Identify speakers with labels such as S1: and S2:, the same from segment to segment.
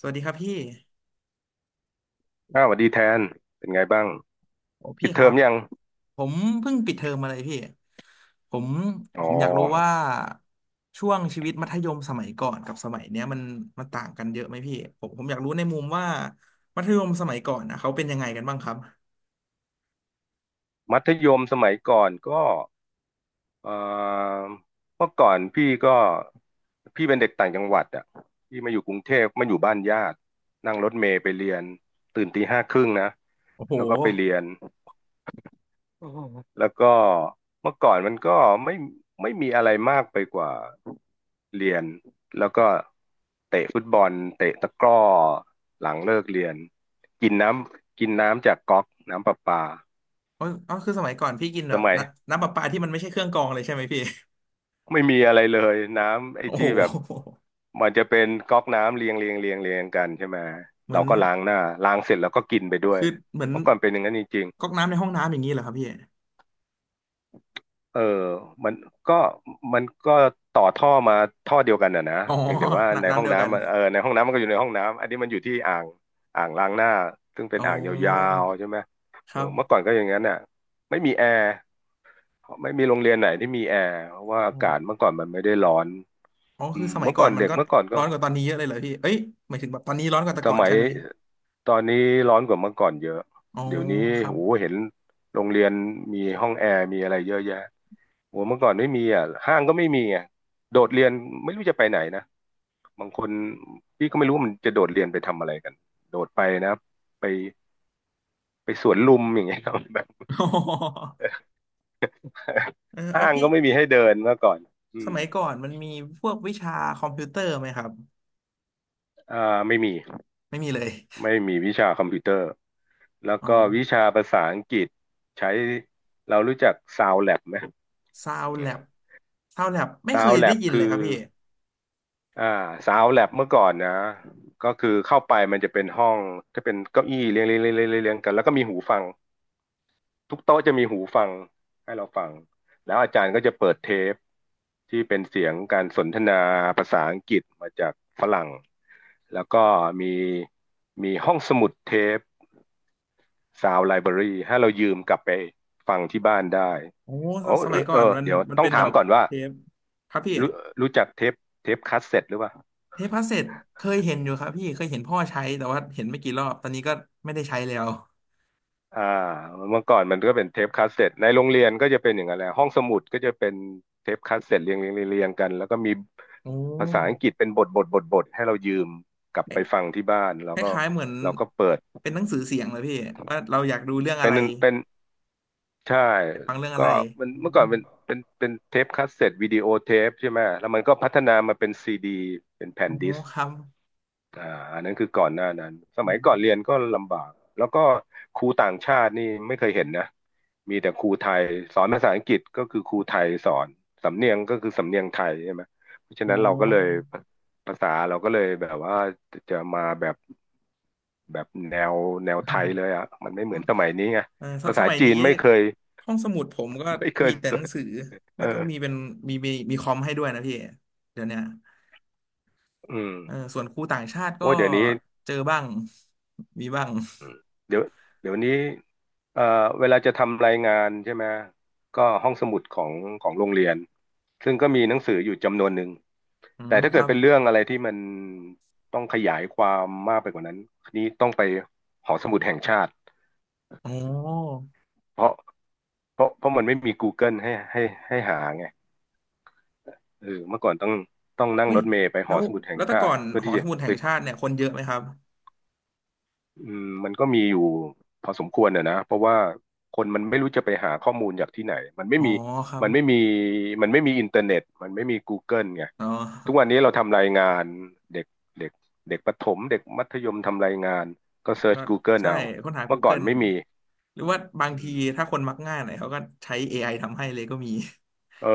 S1: สวัสดีครับพี่
S2: อ้าวสวัสดีแทน เป็นไงบ้าง
S1: โอ้พี่
S2: ปิด
S1: ค
S2: เทอ
S1: รั
S2: ม
S1: บ
S2: ยัง
S1: ผมเพิ่งปิดเทอมมาเลยพี่ผม
S2: อ๋
S1: ผ
S2: อ
S1: มอยากรู้ว่าช่วงชีวิตมัธยมสมัยก่อนกับสมัยเนี้ยมันต่างกันเยอะไหมพี่ ผมอยากรู้ในมุมว่ามัธยมสมัยก่อนนะเขาเป็นยังไงกันบ้างครับ
S2: มัธยมสมัยก่อนก็เอ่อเมื่อก่อนพี่ก็ พี่เป็นเด็กต่างจังหวัดอ่ะพี่มาอยู่กรุงเทพมาอยู่บ้านญาติ นั่งรถเมล์ไปเรียน ตื่นตีห้าครึ่งนะ
S1: โอ้โห
S2: แล้วก็ไปเรียน แล้วก็เมื่อก่อนมันก็ไม่ไม่มีอะไรมากไปกว่าเรียนแล้วก็เตะฟุตบอลเตะตะกร้อหลังเลิกเรียนกินน้ำกินน้ำจากก๊อกน้ำประปา
S1: เอาเอาคือสมัยก่อนพี่กินแบ
S2: ส
S1: บ
S2: มัย
S1: นำน้ำประปาที่มันไม่ใช่เครื่องกรองเลยใช่ไหมพี่
S2: ไม่มีอะไรเลยน้ำไอ้
S1: โอ้โห
S2: ที่แบบมันจะเป็นก๊อกน้ำเรียงเรียงเรียงเรียงกันใช่ไหม
S1: เหมื
S2: เรา
S1: อน
S2: ก็ล้างหน้าล้างเสร็จแล้วก็กินไปด้วย
S1: คือเหมือน
S2: เมื่อก่อนเป็นอย่างนั้นจริง
S1: ก๊อกน้ำในห้องน้ำอย่างนี้เหรอครับพี่
S2: เออมันก็มันก็ต่อท่อมาท่อเดียวกันอ่ะนะ
S1: อ๋อ
S2: เพียงแต่ว่าใน
S1: น้ำ
S2: ห้
S1: น้ำ
S2: อง
S1: เดียวกัน
S2: น้ำมันเออในห้องน้ำมันก็อยู่ในห้องน้ำอันนี้มันอยู่ที่อ่างอ่างล้างหน้าซึ่งเป็น
S1: อ๋อ
S2: อ่างยาวๆใช่ไหม
S1: ค
S2: เอ
S1: รั
S2: อเมื่อก่อนก็อย่างนั้นน่ะไม่มีแอร์ไม่มีโรงเรียนไหนที่มีแอร์เพราะว่าอากาศเมื่
S1: บ
S2: อก่อนมันไม่ได้ร้อน
S1: อ๋อ
S2: อื
S1: คือ
S2: ม
S1: สมัย
S2: เมื่อ
S1: ก่อ
S2: ก่อ
S1: น
S2: น
S1: มัน
S2: เด็ก
S1: ก็
S2: เมื่อก่อนก็
S1: ร้อนกว่าตอนนี้เยอะเลยเหรอพี่เอ้ยหมายถึงแบบตอนนี้ร้อนกว่าแต่
S2: ส
S1: ก่อน
S2: มัย
S1: ใช่ไหม
S2: ตอนนี้ร้อนกว่าเมื่อก่อนเยอะ
S1: อ๋อ
S2: เดี๋ยวนี้
S1: ครับ
S2: โหเห็นโรงเรียนมีห้องแอร์มีอะไรเยอะแยะ โอ้เมื่อก่อนไม่มีอ่ะห้างก็ไม่มีอ่ะโดดเรียนไม่รู้จะไปไหนนะ บางคนพี่ก็ไม่รู้ว่ามันจะโดดเรียนไปทำอะไรกัน โดดไปนะไปไปสวนลุมอย่างเงี้ยครับ แบบ
S1: เออเออ
S2: ห้าง
S1: พี่
S2: ก็ไม่มีให้เดินเมื่อก่อนอื
S1: ส
S2: ม
S1: มัยก่อนมันมีพวกวิชาคอมพิวเตอร์ไหมครับ
S2: อ่าไม่มี
S1: ไม่มีเลย
S2: ไม่มีวิชาคอมพิวเตอร์ แล้ว
S1: อ๋อ
S2: ก็วิชาภาษาอังกฤษใช้เรารู้จัก Sound Lab ไหม
S1: ซาวแล็บซาวแล็บไม่เคย
S2: Sound
S1: ได้
S2: Lab
S1: ยินเล
S2: คื
S1: ย
S2: อ
S1: ครับพี่
S2: อ่าสาวแลบเมื่อก่อนนะก็คือเข้าไปมันจะเป็นห้องจะเป็นเก้าอี้เรียงเรียงเรียงเรียงเรียงเรียงกันแล้วก็มีหูฟังทุกโต๊ะจะมีหูฟังให้เราฟังแล้วอาจารย์ก็จะเปิดเทปที่เป็นเสียงการสนทนาภาษาอังกฤษมาจากฝรั่งแล้วก็มีมีห้องสมุดเทป u าวไลบรารีให้เรายืมกลับไปฟังที่บ้านได้
S1: โอ้ส
S2: โอ้
S1: สมัยก่อ
S2: เอ
S1: น
S2: อ
S1: มัน
S2: เดี๋ยว
S1: มัน
S2: ต้อ
S1: เป็
S2: ง
S1: นแบ
S2: ถาม
S1: บ
S2: ก่อนว่า
S1: เทปครับพี่
S2: รู้รู้จักเทปเทปคาสเซ็ตหรือเปล่า
S1: เทปคาสเซ็ตเคยเห็นอยู่ครับพี่เคยเห็นพ่อใช้แต่ว่าเห็นไม่กี่รอบตอนนี้ก็ไม่ได้ใช้แล้ว
S2: อ่าเมื่อก่อนมันก็เป็นเทปคาสเซ็ตในโรงเรียนก็จะเป็นอย่างนั้นแหละห้องสมุดก็จะเป็นเทปคาสเซ็ตเรียงเรียงเรียงเรียงกันแล้วก็มี
S1: โอ้
S2: ภาษาอังกฤษเป็นบทบทบทบทให้เรายืมกลับไปฟังที่บ้านแล้
S1: ค
S2: วก็
S1: ล้ายๆเหมือน
S2: เราก็เปิด
S1: เป็นหนังสือเสียงเลยพี่ว่าเราอยากดูเรื่องอะ
S2: เป็น
S1: ไร
S2: เป็นใช่
S1: อยากฟังเรื่องอะ
S2: ก็
S1: ไร
S2: มัน
S1: อื
S2: เมื่อก่อ
S1: ม
S2: นเป็นเป็นเทปคาสเซ็ตวิดีโอเทปใช่ไหมแล้วมันก็พัฒนามาเป็นซีดีเป็นแผ่
S1: อ๋
S2: น
S1: อ
S2: ดิส
S1: ครับ
S2: อ่าอันนั้นคือก่อนหน้านั้นส
S1: อ
S2: มัยก่อนเรีย
S1: ม
S2: นก็ลำบากแล้วก็ครูต่างชาตินี่ไม่เคยเห็นนะมีแต่ครูไทยสอนภาษาอังกฤษก็คือครูไทยสอนสำเนียงก็คือสำเนียงไทยใช่ไหมเพราะฉะ
S1: อ๋
S2: นั้
S1: อ
S2: นเราก็เลยภาษาเราก็เลยแบบว่าจะมาแบบแบบแนวแนวไทย เลยอ่ะมันไม่เหมือนสมัยนี้ไง
S1: เออส
S2: ภา
S1: ส
S2: ษา
S1: มัย
S2: จี
S1: นี้
S2: นไม่เคย
S1: ห้องสมุดผมก็มีแต่
S2: ส
S1: ห
S2: อ
S1: นัง
S2: น
S1: สือ
S2: เอ
S1: แล้
S2: อ
S1: วก็มีเป็นมีคอมให้ด้วยนะพี่เดี๋ยวเนี้ย
S2: อืม
S1: เออส่วนครูต่างชาติก็
S2: ว่าเดี๋ยวนี้
S1: เจอบ้างมีบ้าง
S2: อืมเดี๋ยวเดี๋ยวนี้เอ่อเวลาจะทำรายงานใช่ไหมก็ห้องสมุดของโรงเรียน ซึ่งก็มีหนังสืออยู่จำนวนหนึ่ง
S1: อื
S2: แต่
S1: ม
S2: ถ้า
S1: ค
S2: เกิ
S1: รั
S2: ด
S1: บ
S2: เป็นเรื่องอะไรที่มันต้องขยายความมากไปกว่านั้นนี่ต้องไปหอสมุดแห่งชาติ
S1: อ๋อ
S2: เพราะเพราะมันไม่มี Google ให้ให้หาไงเออเมื่อก่อนต้องนั่ง
S1: อุ้ย
S2: รถเมล์ไปห
S1: แล้
S2: อ
S1: ว
S2: สมุดแห่
S1: แล้
S2: ง
S1: วแต่
S2: ชา
S1: ก่อ
S2: ติ
S1: น
S2: เพื่อ
S1: หอ
S2: ที่
S1: ส
S2: จะ
S1: มุดแห่
S2: ไป
S1: งชาติเนี่ยคนเยอะไหมครับ
S2: อืมมันก็มีอยู่พอสมควรอะนะเพราะว่าคนมันไม่รู้จะไปหาข้อมูลจากที่ไหนมันไม่
S1: อ๋อ
S2: มี
S1: ครับ
S2: มันไม่มีมันไม่มีอินเทอร์เน็ตมันไม่มี Google ไง
S1: อ๋
S2: ทุกวั
S1: อ
S2: นนี้เราทำรายงานเด็กเด็กเด็กประถมเด็กมัธยมทำรายงานก็เซิร์ช
S1: ก็
S2: Google
S1: ใช่
S2: เอา
S1: ค้นหา
S2: เมื่อก่อน
S1: Google
S2: ไม่มี
S1: หรือว่าบาง
S2: อื
S1: ที
S2: ม
S1: ถ้าคนมักง่ายหน่อยเขาก็ใช้ AI ทำให้เลยก็มี
S2: เออ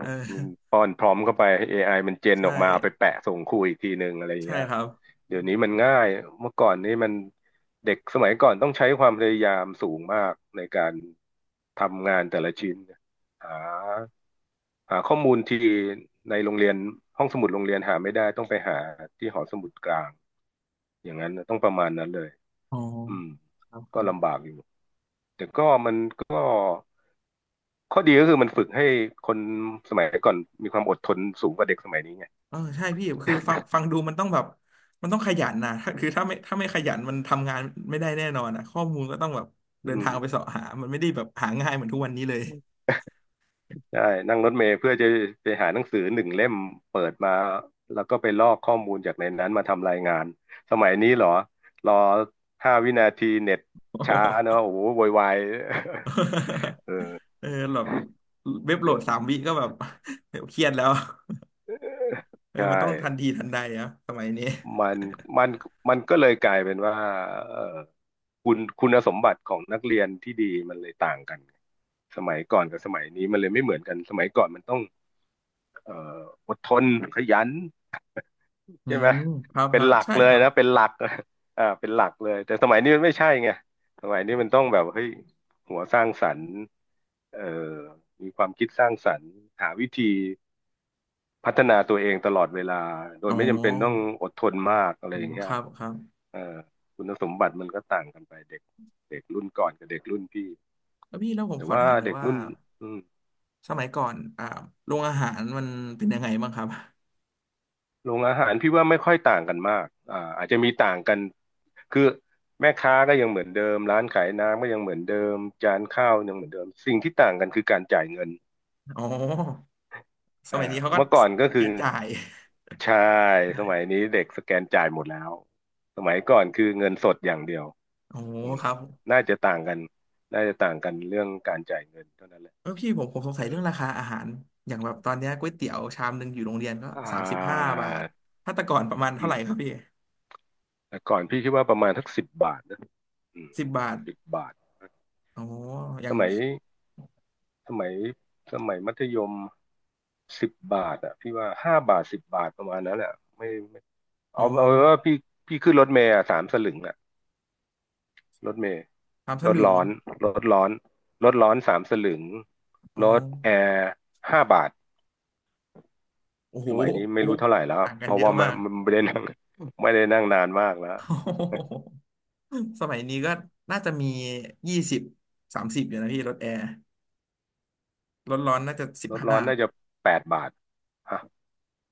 S1: เอ
S2: มัน
S1: อ
S2: ป้อนพร้อมเข้าไปให้ AI มันเจนอ
S1: ใช่
S2: อกมาเอาไปแปะส่งครูอีกทีหนึ่งอะไรอย่าง
S1: ใช่
S2: เงี้ย
S1: ครับ
S2: เดี๋ยวนี้มันง่าย เมื่อก่อนนี้มันเด็กสมัยก่อนต้องใช้ความพยายามสูงมากในการทำงานแต่ละชิ้น หาหาข้อมูลที่ในโรงเรียนห้องสมุดโรงเรียนหาไม่ได้ต้องไปหาที่หอสมุดกลาง อย่างนั้นนะต้องประมาณนั้นเลย
S1: อ๋อ
S2: อืม
S1: ครับค
S2: ก็
S1: รั
S2: ลำ
S1: บ
S2: บากอยู่ แต่ก็มันก็ ข้อดีก็คือมันฝึกให้คนสมัยก่อนมีความอดทนสูงกว่าเด็กสมัยนี้ไง
S1: เออใช่พี่คือฟังดูมันต้องแบบมันต้องขยันนะถ้าไม่ขยันมันทำงานไม่ได้แน่นอนอ่ะข้อมูลก็ต้องแบบ
S2: อื
S1: เดินทางไป
S2: ม
S1: เสาะหามันไม่ได้แบบหาง่ายเหมือนทุกวันนี้เลย
S2: ใช่ นั่งรถเมล์เพื่อจะไปหาหนังสือหนึ่งเล่มเปิดมาแล้วก็ไปลอกข้อมูลจากในนั้นมาทำรายงาน สมัยนี้เหรอ รอ5 วินาทีเน็ต
S1: โอ้
S2: ช้าเน
S1: โห
S2: อะโอ้โหโวยวาย เออ
S1: เออแบบเว็บโหลดสามวิก็แบบ เครียดแล้วเออ
S2: ใช่
S1: มันต้องทันทีทันใดอะสมัยนี้
S2: มันมันมันก็เลยกลายเป็นว่าเออคุณสมบัติของนักเรียนที่ดีมันเลยต่างกัน สมัยก่อนกับสมัยนี้มันเลยไม่เหมือนกันสมัยก่อนมันต้อง เอ่ออดทนขยัน
S1: อื
S2: ใช่ไหม
S1: มครับค
S2: เป็น
S1: รับ
S2: หลัก
S1: ใช่
S2: เล
S1: ค
S2: ย
S1: รับ
S2: นะเป็นหลัก อ่าเป็นหลักเลยแต่สมัยนี้มันไม่ใช่ไงสมัยนี้มันต้องแบบเฮ้ยหัวสร้างสรรค์เอ่อมีความคิดสร้างสรรค์หาวิธีพัฒนาตัวเองตลอดเวลาโด
S1: อ๋
S2: ยไม่จำเป็นต้อง
S1: อ
S2: อดทนมากอะไร
S1: อื
S2: อ
S1: ม
S2: ย่างเงี้
S1: ค
S2: ย
S1: รับครับ
S2: เอ่อคุณสมบัติมันก็ต่างกันไปเด็กเด็กรุ่นก่อนกับเด็กรุ่นพี่
S1: แล้วพี่แล้วผม
S2: แต่
S1: ขอ
S2: ว่า
S1: ถามหน่อย
S2: เด็ก
S1: ว่า
S2: รุ่นอืม
S1: สมัยก่อนอ่าโรงอาหารมันเป็นยังไงบ้างครับ
S2: โรงอาหารพี่ว่าไม่ค่อยต่างกันมากอ่าอาจจะมีต่างกัน คือแม่ค้าก็ยังเหมือนเดิมร้านขายน้ำก็ยังเหมือนเดิมจานข้าวยังเหมือนเดิมสิ่งที่ต่างกันคือการจ่ายเงิน
S1: อ๋อส
S2: อ่า
S1: มัยนี้เขาก็
S2: เมื่อก่อนก็
S1: เป็น
S2: คือ
S1: การจ่าย
S2: ใช่สมัย
S1: ได้
S2: นี้เด็กสแกนจ่ายหมดแล้วสมัยก่อนคือเงินสดอย่างเดียว
S1: โอ้
S2: อืม
S1: ครับ
S2: น่าจะต่างกัน น่าจะต่างกันเรื่องการจ่ายเงินเท่านั้นแหละ
S1: เออพี่ผมสง
S2: เออ
S1: สัยเรื่องราคาอาหารอย่างแบบตอนเนี้ยก๋วยเตี๋ยวชามหนึ่งอยู่โรงเรียนก็
S2: อ่
S1: สามสิบห้า
S2: า
S1: บาทถ้าแต่ก่อนประมาณเท่า
S2: อื
S1: ไหร่
S2: ม
S1: ครับพี่
S2: แต่ก่อนพี่คิดว่าประมาณทักสิบบาทนะอืม
S1: สิบบาท
S2: สิบบาท
S1: โออ
S2: ส
S1: ย่าง
S2: มัย สมัยสมัยมัธยมสิบบาทอ่ะพี่ว่า5 บาท 10 บาทประมาณนั้นแหละไม่ไม่
S1: อ๋อ
S2: เอาเป็นว่าพี่ขึ้นรถเมล์อะสามสลึงอ่ะรถเมล์
S1: ชามส
S2: รถ
S1: ลึง
S2: ร้อนรถร้อนรถร้อนสามสลึง
S1: อ๋อ
S2: รถแอร์ห้าบาท
S1: โอ้โห
S2: สมัยนี้
S1: โอ้
S2: ไม่
S1: โห
S2: รู้เท่าไหร่แล้ว
S1: ต่างกั
S2: เพ
S1: นเย
S2: ราะ
S1: อะ
S2: ว่ามั
S1: มา
S2: น
S1: ก
S2: มันไม่ได้นั่ง ไม่ได้นั่งนานมากแล้ว
S1: โอ้โห สมัยนี้ก็น่าจะมียี่สิบสามสิบอยู่นะพี่รถแอร์รถร้อนน่าจะสิบ
S2: รถร้อ
S1: ห้า
S2: นน่าจะแปดบาทฮะ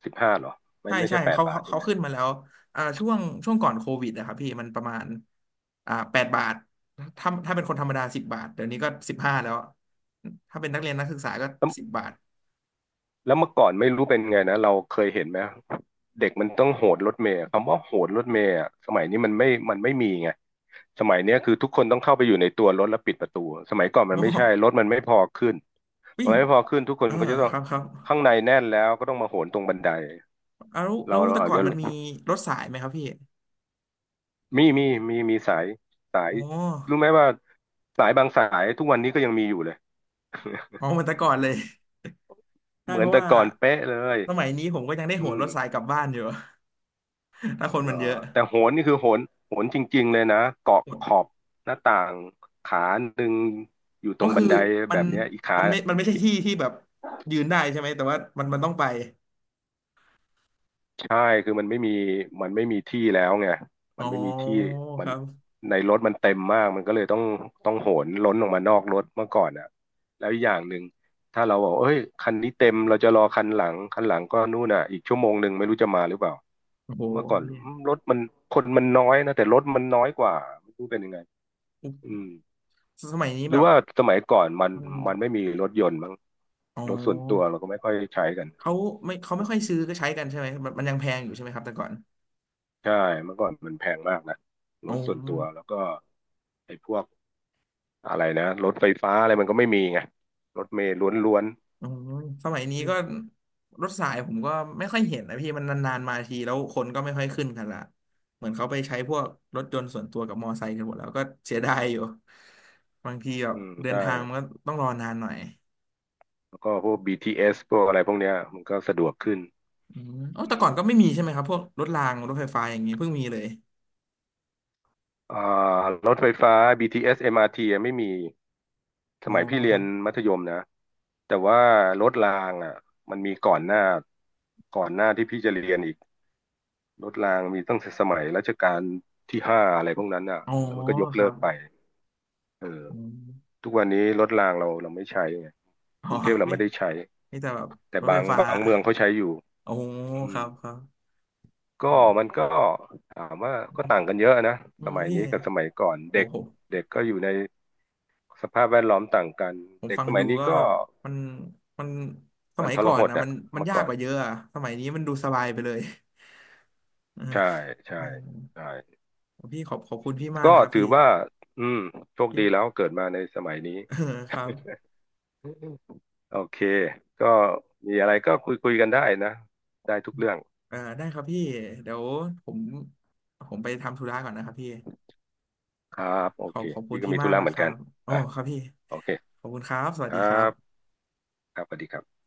S2: 15เหรอไม่
S1: ใช่
S2: ไม่
S1: ใช่
S2: ใช่แปด
S1: เขา
S2: บา
S1: เขา
S2: ทใช่
S1: เขา
S2: ไหม
S1: ขึ้นมาแล้วอ่าช่วงช่วงก่อนโควิดอะครับพี่มันประมาณอ่าแปดบาทถ้าเป็นคนธรรมดาสิบบาทเดี๋ยวนี้ก็สิบห้าแล้วถ้าเป็นนักเรียนนักศึกษาก็สิบ
S2: ส
S1: บาท
S2: แล้วเมื่อก่อนไม่รู้เป็นไงนะเราเคยเห็นไหมเด็กมันต้องโหดรถเมล์อะคำว่าโหดรถเมล์อะสมัยนี้มันไม่มีไงสมัยเนี้ยคือทุกคนต้องเข้าไปอยู่ในตัวรถแล้วปิดประตูสมัยก่อนมั
S1: โอ้
S2: นไม่ใช่รถมันไม่พอขึ้นมั
S1: พี่
S2: นไม่พอขึ้นทุกคน
S1: อ่า
S2: ก็จะต้อ
S1: ค
S2: ง
S1: รับครับ
S2: ข้างในแน่นแล้วก็ต้องมาโหนตรงบันได
S1: เอาแล้วแล้
S2: เรา
S1: ว
S2: เรา
S1: แต่
S2: อาจ
S1: ก่อน
S2: จะ
S1: มันมีรถสายไหมครับพี่
S2: มีมีมีสายสาย
S1: อ๋
S2: รู้
S1: อ
S2: ไหมว่าสายบางสายทุกวันนี้ก็ยังมีอยู่เลย
S1: อ๋อเหมือนแต่ก่อนเลยใช่
S2: เหมื
S1: เพ
S2: อน
S1: ราะ
S2: แต่
S1: ว่า
S2: ก่อนเป๊ะเลย
S1: สมัยนี้ผมก็ยังได้โห
S2: อื
S1: น
S2: ม
S1: รถสายกลับบ้านอยู่ ถ้าคน
S2: เหร
S1: มั
S2: อ
S1: นเยอะ
S2: แต่โหนนี่คือโหนจริงๆเลยนะเกาะขอบ หน้าต่างขาหนึ่งอยู่ต
S1: ก็
S2: รงบั
S1: คือ
S2: นได
S1: มั
S2: แบ
S1: น
S2: บเนี้ยอีกขา
S1: มันไม่ใช่ที่ที่แบบยืนได้ใช่ไหม แต่ว่ามันมันต้องไป
S2: ใช่คือมันไม่มีที่แล้วไง
S1: อ๋
S2: มั
S1: อ
S2: นไม่มีที่
S1: ค
S2: มัน
S1: รับ
S2: ในรถมันเต็มมากมันก็เลยต้องโหนล้นออกมานอกรถเมื่อก่อนอ่ะแล้วอีกอย่างหนึ่งถ้าเราบอกเอ้ยคันนี้เต็มเราจะรอคันหลังคันหลังก็นู่นอ่ะอีกชั่วโมงหนึ่งไม่รู้จะมาหรือเปล่า
S1: โอ้โห
S2: เมื่อก่อนรถมันคนมันน้อยนะแต่รถมันน้อยกว่าไม่รู้เป็นยังไงอืม
S1: สมัยนี้
S2: หรื
S1: แบ
S2: อ
S1: บ
S2: ว่าสมัยก่อน
S1: มัน
S2: มันไม่มีรถยนต์มั้ง
S1: อ๋อ
S2: รถส่วนตัวเราก็ไม่ค่อยใช้กัน
S1: เขาไม่เขาไม่ค่อยซื้อก็ใช้กันใช่ไหม มันมันยังแพงอยู่ใช่ไหมครับแต่ก่อน
S2: ใช่เมื่อก่อนมันแพงมากนะร
S1: อ๋อ
S2: ถส่วนตัวแล้วก็ไอ้พวกอะไรนะรถไฟฟ้าอะไรมันก็ไม่มีไงรถเมล์ล้วน
S1: อ๋อสมัยนี้
S2: ๆ
S1: ก็รถสายผมก็ไม่ค่อยเห็นนะพี่มันนานๆมาทีแล้วคนก็ไม่ค่อยขึ้นกันละเหมือนเขาไปใช้พวกรถยนต์ส่วนตัวกับมอไซค์กันหมดแล้วก็เสียดายอยู่บางทีแบบ
S2: อืม
S1: เดิน
S2: ใช่
S1: ทางมันก็ต้องรอนานหน่อย
S2: แล้วก็พวก BTS พวกอะไรพวกเนี้ยมันก็สะดวกขึ้น
S1: อืมอ๋อ
S2: อื
S1: แต่ก่อ
S2: ม
S1: นก็ไม่มีใช่ไหมครับพวกรถรางรถไฟฟ้าอย่างนี้เพิ่งมีเลย
S2: อ่ารถไฟฟ้า BTS MRT อสเอ็มอาร์ทีอะไม่มีส
S1: อ๋อ
S2: มัยพี่เรี
S1: ค
S2: ย
S1: รั
S2: น
S1: บ
S2: มัธยมนะแต่ว่ารถรางอ่ะมันมีก่อนหน้าก่อนหน้าที่พี่จะเรียนอีก รถรางมีตั้งแต่สมัยรัชกาลที่ 5อะไรพวกนั้นอ่ะ
S1: อ๋อ
S2: แล้วมันก็ยก
S1: ค
S2: เลิ
S1: รั
S2: ก
S1: บ
S2: ไปเออ
S1: อม
S2: ทุกวันนี้รถรางเราไม่ใช้ไง
S1: อ๋อ
S2: กรุงเทพเรา
S1: ไม่
S2: ไม่ได้ใช้
S1: ไม่แต่แบบ
S2: แต่
S1: รถไฟฟ้า
S2: บางเมืองเขาใช้อยู่
S1: โอ้
S2: อื
S1: ค
S2: ม
S1: รับครับ
S2: ก็
S1: โอ้
S2: มันก็ถามว่าก็ต่างกันเยอะนะ
S1: อื
S2: ส
S1: ม
S2: มัย
S1: พี่
S2: นี้กับสมัยก่อน
S1: โอ้
S2: เด็ก
S1: โห
S2: เด็กก็อยู่ในสภาพแวดล้อมต่างกัน
S1: ผม
S2: เด็ก
S1: ฟัง
S2: สมั
S1: ดู
S2: ยนี้
S1: ก็
S2: ก็
S1: แบบมันมันส
S2: มั
S1: มั
S2: น
S1: ย
S2: ทร
S1: ก่อน
S2: หด
S1: นะมั
S2: อ่ะ
S1: นมัน
S2: เมื่อ
S1: ยาก
S2: ก่อ
S1: ก
S2: น
S1: ว่าเยอะอะสมัยนี้มันดูสบายไปเลย เออ
S2: ใช่ใช่
S1: เออ
S2: ใช่
S1: พี่ขอบขอบคุณพี่มาก
S2: ก็
S1: นะครับ
S2: ถื
S1: พี่
S2: อว่าอืมโชค
S1: พี่
S2: ดี แล้วเกิดมาในสมัยนี้
S1: เออครับ
S2: โอเค ก็มีอะไรก็คุยกันได้นะ ได้ทุกเรื่อง
S1: เออได้ครับพี่เดี๋ยวผมผมไปทำธุระก่อนนะครับพี่
S2: ครับ โอ
S1: ขอ
S2: เค
S1: บขอบคุณ
S2: พี่ก็
S1: พี่
S2: มีธุ
S1: มาก
S2: ระเห
S1: นะ
S2: มื
S1: ค
S2: อน
S1: รั
S2: กัน
S1: บโอ้
S2: อ่ะ
S1: ครับพี่
S2: โอเค
S1: ขอบคุณครับสวัส
S2: ค
S1: ดี
S2: รั
S1: ครับ
S2: บครับสวัสดีครับ